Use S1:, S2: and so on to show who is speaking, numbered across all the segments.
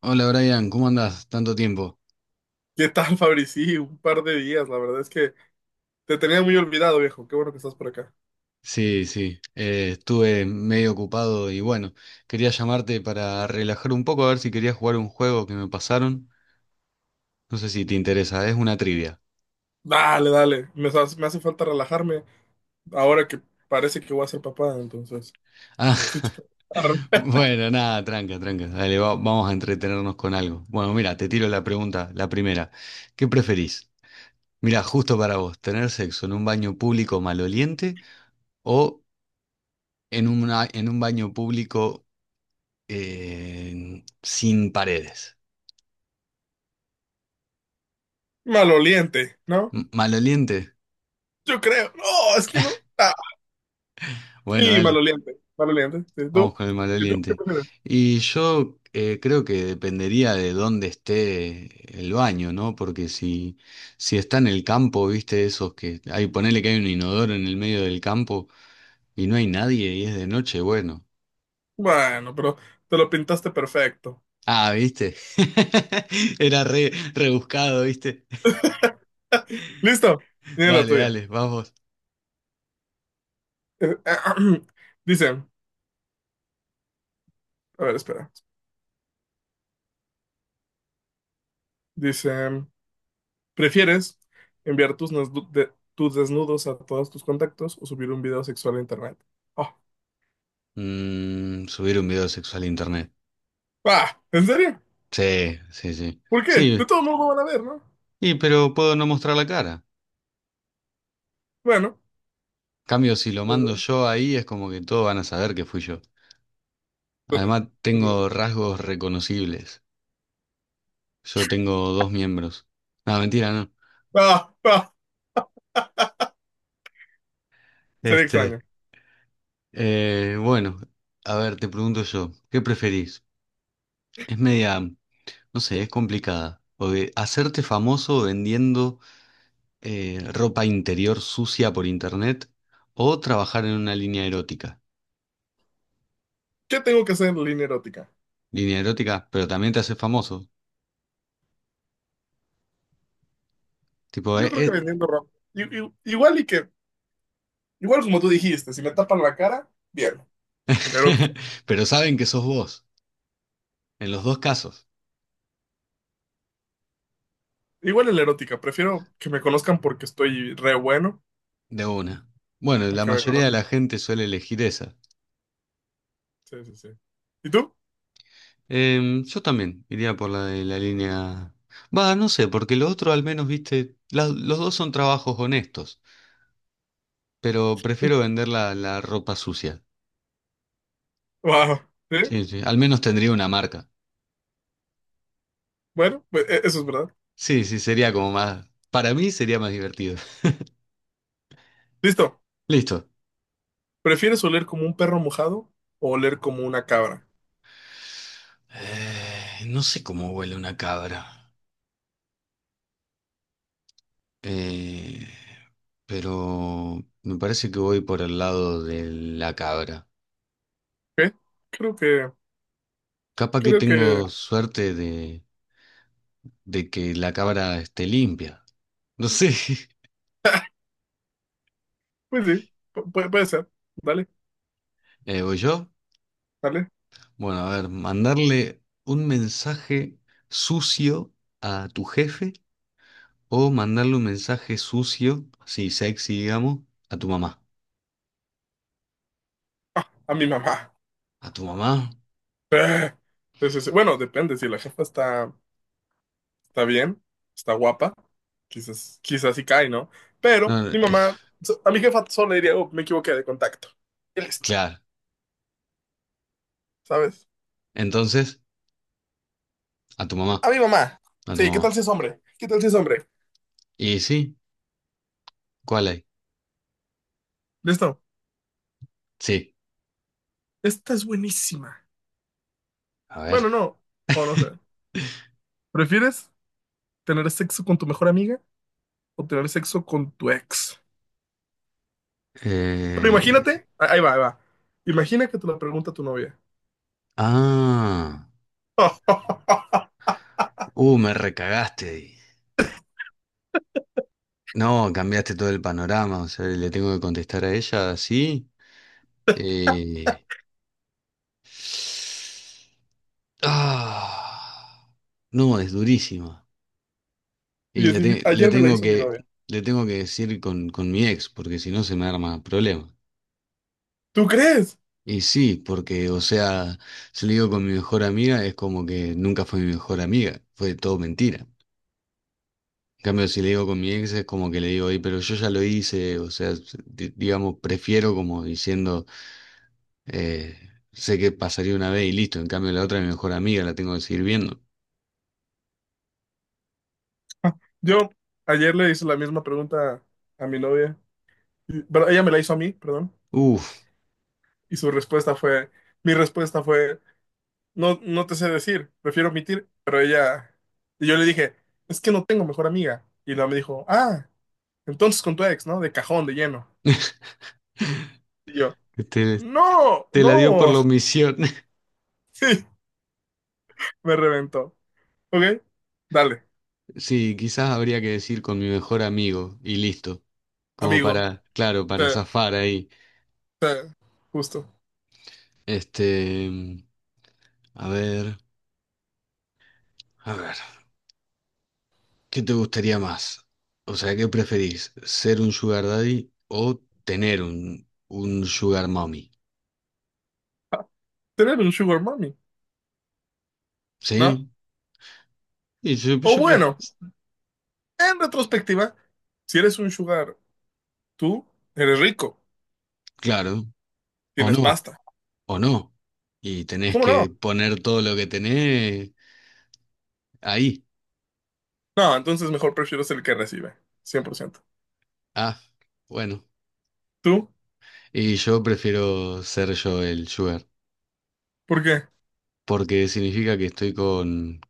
S1: Hola Brian, ¿cómo andás? Tanto tiempo.
S2: ¿Qué tal, Fabri? Sí, un par de días, la verdad es que te tenía muy olvidado, viejo. Qué bueno que estás por acá.
S1: Sí, sí, estuve medio ocupado y bueno, quería llamarte para relajar un poco a ver si querías jugar un juego que me pasaron. No sé si te interesa, es una trivia.
S2: Dale, dale. Me hace falta relajarme ahora que parece que voy a ser papá, entonces
S1: Ah,
S2: necesito relajarme.
S1: bueno, nada, tranca, tranca. Dale, vamos a entretenernos con algo. Bueno, mira, te tiro la pregunta, la primera. ¿Qué preferís? Mira, justo para vos, ¿tener sexo en un baño público maloliente o en una, en un baño público sin paredes?
S2: Maloliente, ¿no?
S1: Maloliente.
S2: Yo creo. No, es que no. Ah,
S1: Bueno,
S2: sí,
S1: dale,
S2: maloliente. Maloliente. ¿Y
S1: vamos
S2: tú?
S1: con el
S2: ¿Y tú qué
S1: maloliente.
S2: prefieres?
S1: Y yo creo que dependería de dónde esté el baño, ¿no? Porque si, si está en el campo, viste, esos que hay, ponele que hay un inodoro en el medio del campo y no hay nadie y es de noche, bueno.
S2: Bueno, pero te lo pintaste perfecto.
S1: Ah, viste. Era re, rebuscado, viste.
S2: ¿Listo? Dime la
S1: Dale,
S2: tuya.
S1: dale, vamos.
S2: Eh, Dice, a ver, espera. Dice. ¿Prefieres enviar tus desnudos a todos tus contactos o subir un video sexual a internet? Oh.
S1: Mm, subir un video sexual a internet.
S2: Ah, ¿en serio?
S1: Sí, sí, sí.
S2: ¿Por qué? De
S1: Sí,
S2: todo modo van a ver, ¿no?
S1: y, pero puedo no mostrar la cara.
S2: Bueno,
S1: Cambio, si lo
S2: es
S1: mando
S2: verdad,
S1: yo ahí es como que todos van a saber que fui yo.
S2: es verdad,
S1: Además,
S2: es verdad.
S1: tengo rasgos reconocibles. Yo tengo dos miembros. No, mentira, no.
S2: Ah, ah, Sería extraño.
S1: Este, bueno, a ver, te pregunto yo, ¿qué preferís? Es media, no sé, es complicada. O de hacerte famoso vendiendo ropa interior sucia por internet o trabajar en una línea erótica.
S2: ¿Qué tengo que hacer en línea erótica?
S1: Línea erótica, pero también te haces famoso. Tipo,
S2: Yo creo que vendiendo ropa. Igual y que, igual como tú dijiste, si me tapan la cara, bien. La erótica.
S1: pero saben que sos vos, en los dos casos.
S2: Igual en la erótica, prefiero que me conozcan porque estoy re bueno
S1: De una. Bueno,
S2: a
S1: la
S2: que me
S1: mayoría de la
S2: conozcan.
S1: gente suele elegir esa.
S2: Sí, sí, sí. ¿Y tú?
S1: Em, yo también iría por la de la línea. Va, no sé, porque lo otro al menos, viste, los dos son trabajos honestos, pero prefiero vender la, la ropa sucia.
S2: Wow. ¿Sí?
S1: Sí, sí, al menos tendría una marca.
S2: Bueno, pues, eso es verdad.
S1: Sí, sí, sería como más... Para mí sería más divertido.
S2: Listo.
S1: Listo.
S2: ¿Prefieres oler como un perro mojado o oler como una cabra?
S1: No sé cómo huele una cabra. Eh, pero me parece que voy por el lado de la cabra.
S2: ¿Ok? Creo que,
S1: Capaz que
S2: creo que,
S1: tengo suerte de que la cámara esté limpia. No sé,
S2: pues sí, puede ser. Dale,
S1: ¿voy yo?
S2: dale.
S1: Bueno, a ver, mandarle un mensaje sucio a tu jefe o mandarle un mensaje sucio, así sexy, digamos, a tu mamá.
S2: A mi mamá.
S1: ¿A tu mamá?
S2: Sí, sí, sí. Bueno, depende. Si la jefa está, está bien, está guapa, quizás, quizás sí cae, ¿no? Pero
S1: No, no,
S2: mi mamá, a mi jefa solo le diría, oh, me equivoqué de contacto. Y listo,
S1: claro.
S2: ¿sabes?
S1: Entonces, a tu mamá,
S2: A mi mamá.
S1: a tu
S2: Sí, ¿qué
S1: mamá.
S2: tal si es hombre? ¿Qué tal si es hombre?
S1: ¿Y sí? ¿Cuál hay?
S2: Listo.
S1: Sí,
S2: Esta es buenísima.
S1: a ver.
S2: Bueno, no. O no sé. ¿Prefieres tener sexo con tu mejor amiga o tener sexo con tu ex? Pero
S1: Eh,
S2: imagínate, ah, ahí va, ahí va. Imagina que te lo pregunta tu novia.
S1: ah, me recagaste ahí. No, cambiaste todo el panorama, o sea, le tengo que contestar a ella así. Eh, Ah, no, es durísima. Y
S2: Y ayer me la hizo mi novia.
S1: le tengo que decir con mi ex, porque si no se me arma problema.
S2: ¿Tú crees?
S1: Y sí, porque, o sea, si le digo con mi mejor amiga, es como que nunca fue mi mejor amiga, fue todo mentira. En cambio, si le digo con mi ex, es como que le digo, "Ey, pero yo ya lo hice, o sea, digamos, prefiero como diciendo. Eh, sé que pasaría una vez y listo. En cambio, la otra, es mi mejor amiga, la tengo que seguir viendo.
S2: Yo ayer le hice la misma pregunta a mi novia. Pero ella me la hizo a mí, perdón.
S1: Uf,
S2: Y mi respuesta fue, no, no te sé decir, prefiero omitir. Pero ella, y yo le dije, es que no tengo mejor amiga. Y ella me dijo, ah, entonces con tu ex, ¿no? De cajón, de lleno. Y yo,
S1: te,
S2: no,
S1: te la dio por
S2: no.
S1: la omisión.
S2: Sí, me reventó. Ok, dale,
S1: Sí, quizás habría que decir con mi mejor amigo y listo. Como
S2: amigo.
S1: para, claro, para
S2: Te-
S1: zafar ahí.
S2: te- justo.
S1: Este, a ver, a ver, ¿qué te gustaría más? O sea, ¿qué preferís? ¿Ser un sugar daddy o tener un sugar mommy?
S2: Ah, tú eres un sugar mommy, ¿no?
S1: ¿Sí? Y yo, yo
S2: O
S1: pref-
S2: bueno, en retrospectiva, si eres un sugar, tú eres rico,
S1: claro, o
S2: tienes
S1: no.
S2: pasta.
S1: O no. Y tenés
S2: ¿Cómo
S1: que
S2: no?
S1: poner todo lo que tenés ahí.
S2: No, entonces mejor prefiero ser el que recibe, 100%.
S1: Ah, bueno.
S2: ¿Tú?
S1: Y yo prefiero ser yo el sugar,
S2: ¿Por qué?
S1: porque significa que estoy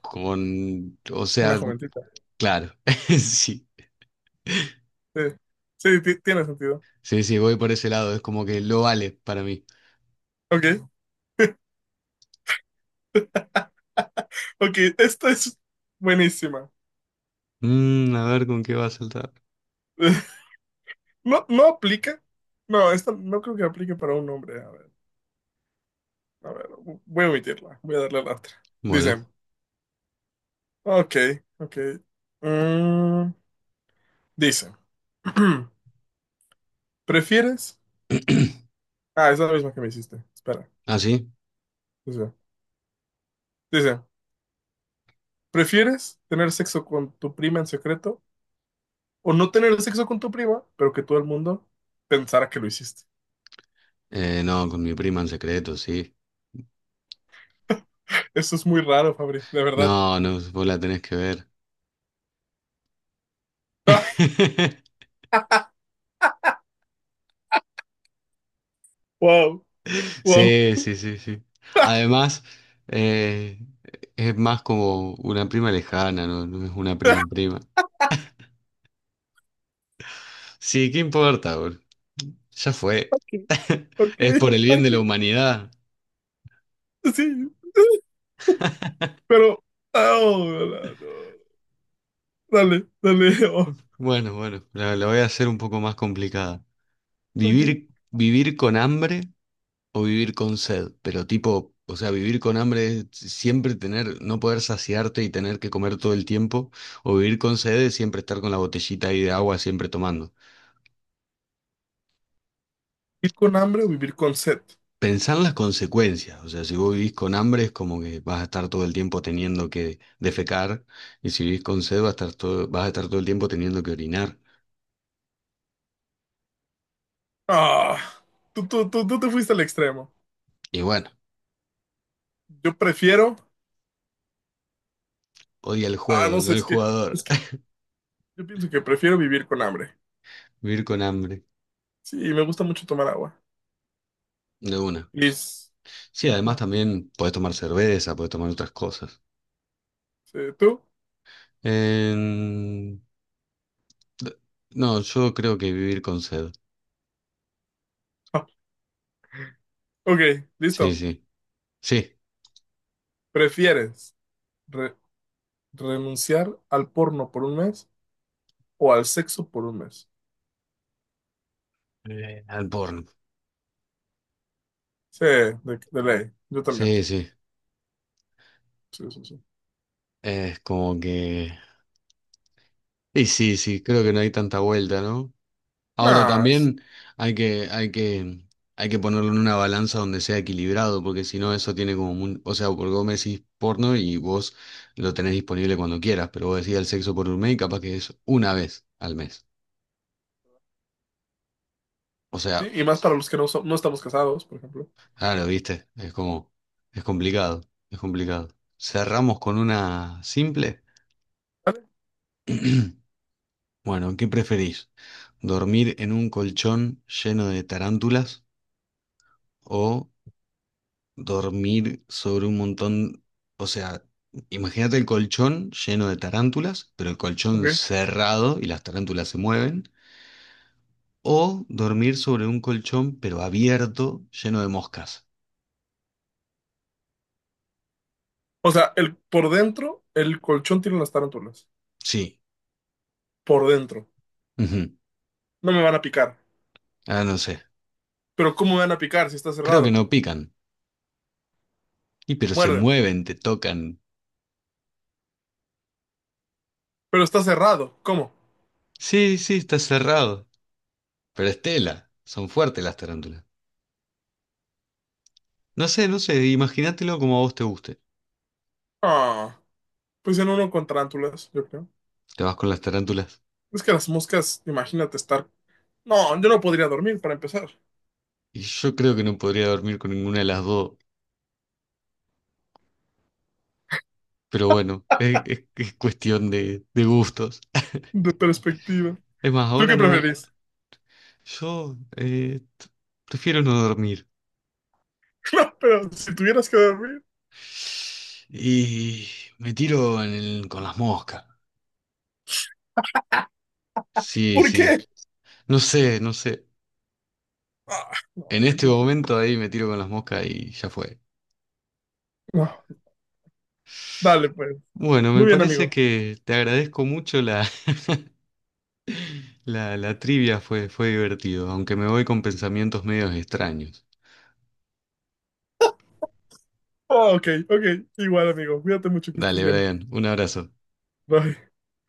S1: con, o
S2: Una
S1: sea,
S2: jovencita.
S1: claro, sí.
S2: Sí, sí, tiene sentido.
S1: Sí, sí, voy por ese lado, es como que lo vale para mí.
S2: Ok, ok, esta es buenísima.
S1: Mm, a ver con qué va a saltar.
S2: No, no aplica. No, esta no creo que aplique para un hombre. A ver, voy a omitirla. Voy a darle a la otra.
S1: Bueno,
S2: Dice, ok, ok. Mm, dice, ¿prefieres? Ah, es la misma que me hiciste. Espera.
S1: ¿ah, sí?
S2: Dice, dice, ¿prefieres tener sexo con tu prima en secreto o no tener sexo con tu prima, pero que todo el mundo pensara que lo hiciste?
S1: No, con mi prima en secreto, sí.
S2: Eso es muy raro, Fabri, de verdad.
S1: No, no, vos la tenés que ver.
S2: Wow, wow.
S1: Sí, sí, sí, sí. Además, eh, es más como una prima lejana, no, no es una prima prima. Sí, ¿qué importa, bro? Ya fue.
S2: Ok, ok,
S1: Es por el bien de la
S2: ok.
S1: humanidad.
S2: Sí. Pero, oh, no, no. Dale, dale, oh,
S1: Bueno, bueno, la voy a hacer un poco más complicada.
S2: ok.
S1: ¿Vivir, vivir con hambre o vivir con sed? Pero tipo, o sea, vivir con hambre es siempre tener, no poder saciarte y tener que comer todo el tiempo. O vivir con sed es siempre estar con la botellita ahí de agua siempre tomando.
S2: ¿Vivir con hambre o vivir con sed?
S1: Pensar las consecuencias, o sea, si vos vivís con hambre es como que vas a estar todo el tiempo teniendo que defecar y si vivís con sed vas a estar todo, vas a estar todo el tiempo teniendo que orinar.
S2: Ah, tú te fuiste al extremo.
S1: Y bueno,
S2: Yo prefiero,
S1: odia el
S2: ah,
S1: juego,
S2: no
S1: no
S2: sé,
S1: el
S2: es que,
S1: jugador.
S2: es que yo pienso que prefiero vivir con hambre.
S1: Vivir con hambre,
S2: Sí, me gusta mucho tomar agua.
S1: de una.
S2: Liz,
S1: Sí, además
S2: ajá,
S1: también podés tomar cerveza, podés tomar otras cosas.
S2: sí, ¿tú?
S1: Em, d- No, yo creo que vivir con sed.
S2: Ah, ok,
S1: Sí,
S2: listo.
S1: sí. Sí,
S2: ¿Prefieres re- renunciar al porno por un mes o al sexo por un mes?
S1: al porno.
S2: Sí, de ley, yo también.
S1: Sí, sí.
S2: Sí, sí, sí.
S1: Es como que... Y sí, sí, creo que no hay tanta vuelta, ¿no? Ahora
S2: No,
S1: también hay que, hay que, hay que ponerlo en una balanza donde sea equilibrado, porque si no eso tiene como un, o sea, porque vos me decís porno y vos lo tenés disponible cuando quieras, pero vos decís el sexo por un mes y capaz que es una vez al mes. O
S2: sí,
S1: sea,
S2: y más para los que no, no estamos casados, por ejemplo.
S1: claro, viste, es como, es complicado, es complicado. Cerramos con una simple.
S2: ¿Vale?
S1: Bueno, ¿qué preferís? ¿Dormir en un colchón lleno de tarántulas o dormir sobre un montón, o sea, imagínate el colchón lleno de tarántulas, pero el colchón
S2: Ok.
S1: cerrado y las tarántulas se mueven, o dormir sobre un colchón pero abierto, lleno de moscas?
S2: O sea, por dentro, el colchón tiene las tarántulas.
S1: Sí,
S2: Por dentro.
S1: ujú.
S2: No me van a picar.
S1: Ah, no sé,
S2: Pero ¿cómo me van a picar si está
S1: creo que
S2: cerrado?
S1: no pican, y
S2: O
S1: pero se
S2: muerden.
S1: mueven, te tocan.
S2: Pero está cerrado. ¿Cómo?
S1: Sí, sí, está cerrado, pero es tela, son fuertes las tarántulas. No sé, no sé, imagínatelo como a vos te guste.
S2: Ah, pues en uno con tarántulas, yo creo.
S1: Te vas con las tarántulas.
S2: Es que las moscas, imagínate estar... No, yo no podría dormir para empezar.
S1: Y yo creo que no podría dormir con ninguna de las dos. Pero bueno, es, es cuestión de gustos.
S2: De perspectiva.
S1: Es más,
S2: ¿Tú
S1: ahora
S2: qué
S1: no.
S2: preferís?
S1: Yo prefiero no dormir.
S2: No, pero si tuvieras que dormir.
S1: Y me tiro con las moscas. Sí,
S2: ¿Por
S1: sí.
S2: qué?
S1: No sé, no sé.
S2: Ah, no,
S1: En
S2: yo
S1: este
S2: creo que...
S1: momento ahí me tiro con las moscas y ya fue.
S2: No. Dale, pues.
S1: Bueno, me
S2: Muy bien,
S1: parece
S2: amigo.
S1: que te agradezco mucho la, la trivia, fue, fue divertido, aunque me voy con pensamientos medios extraños.
S2: Oh, ok, ok. Igual, amigo. Cuídate mucho, que estés
S1: Dale,
S2: bien.
S1: Brian, un abrazo.
S2: Bye.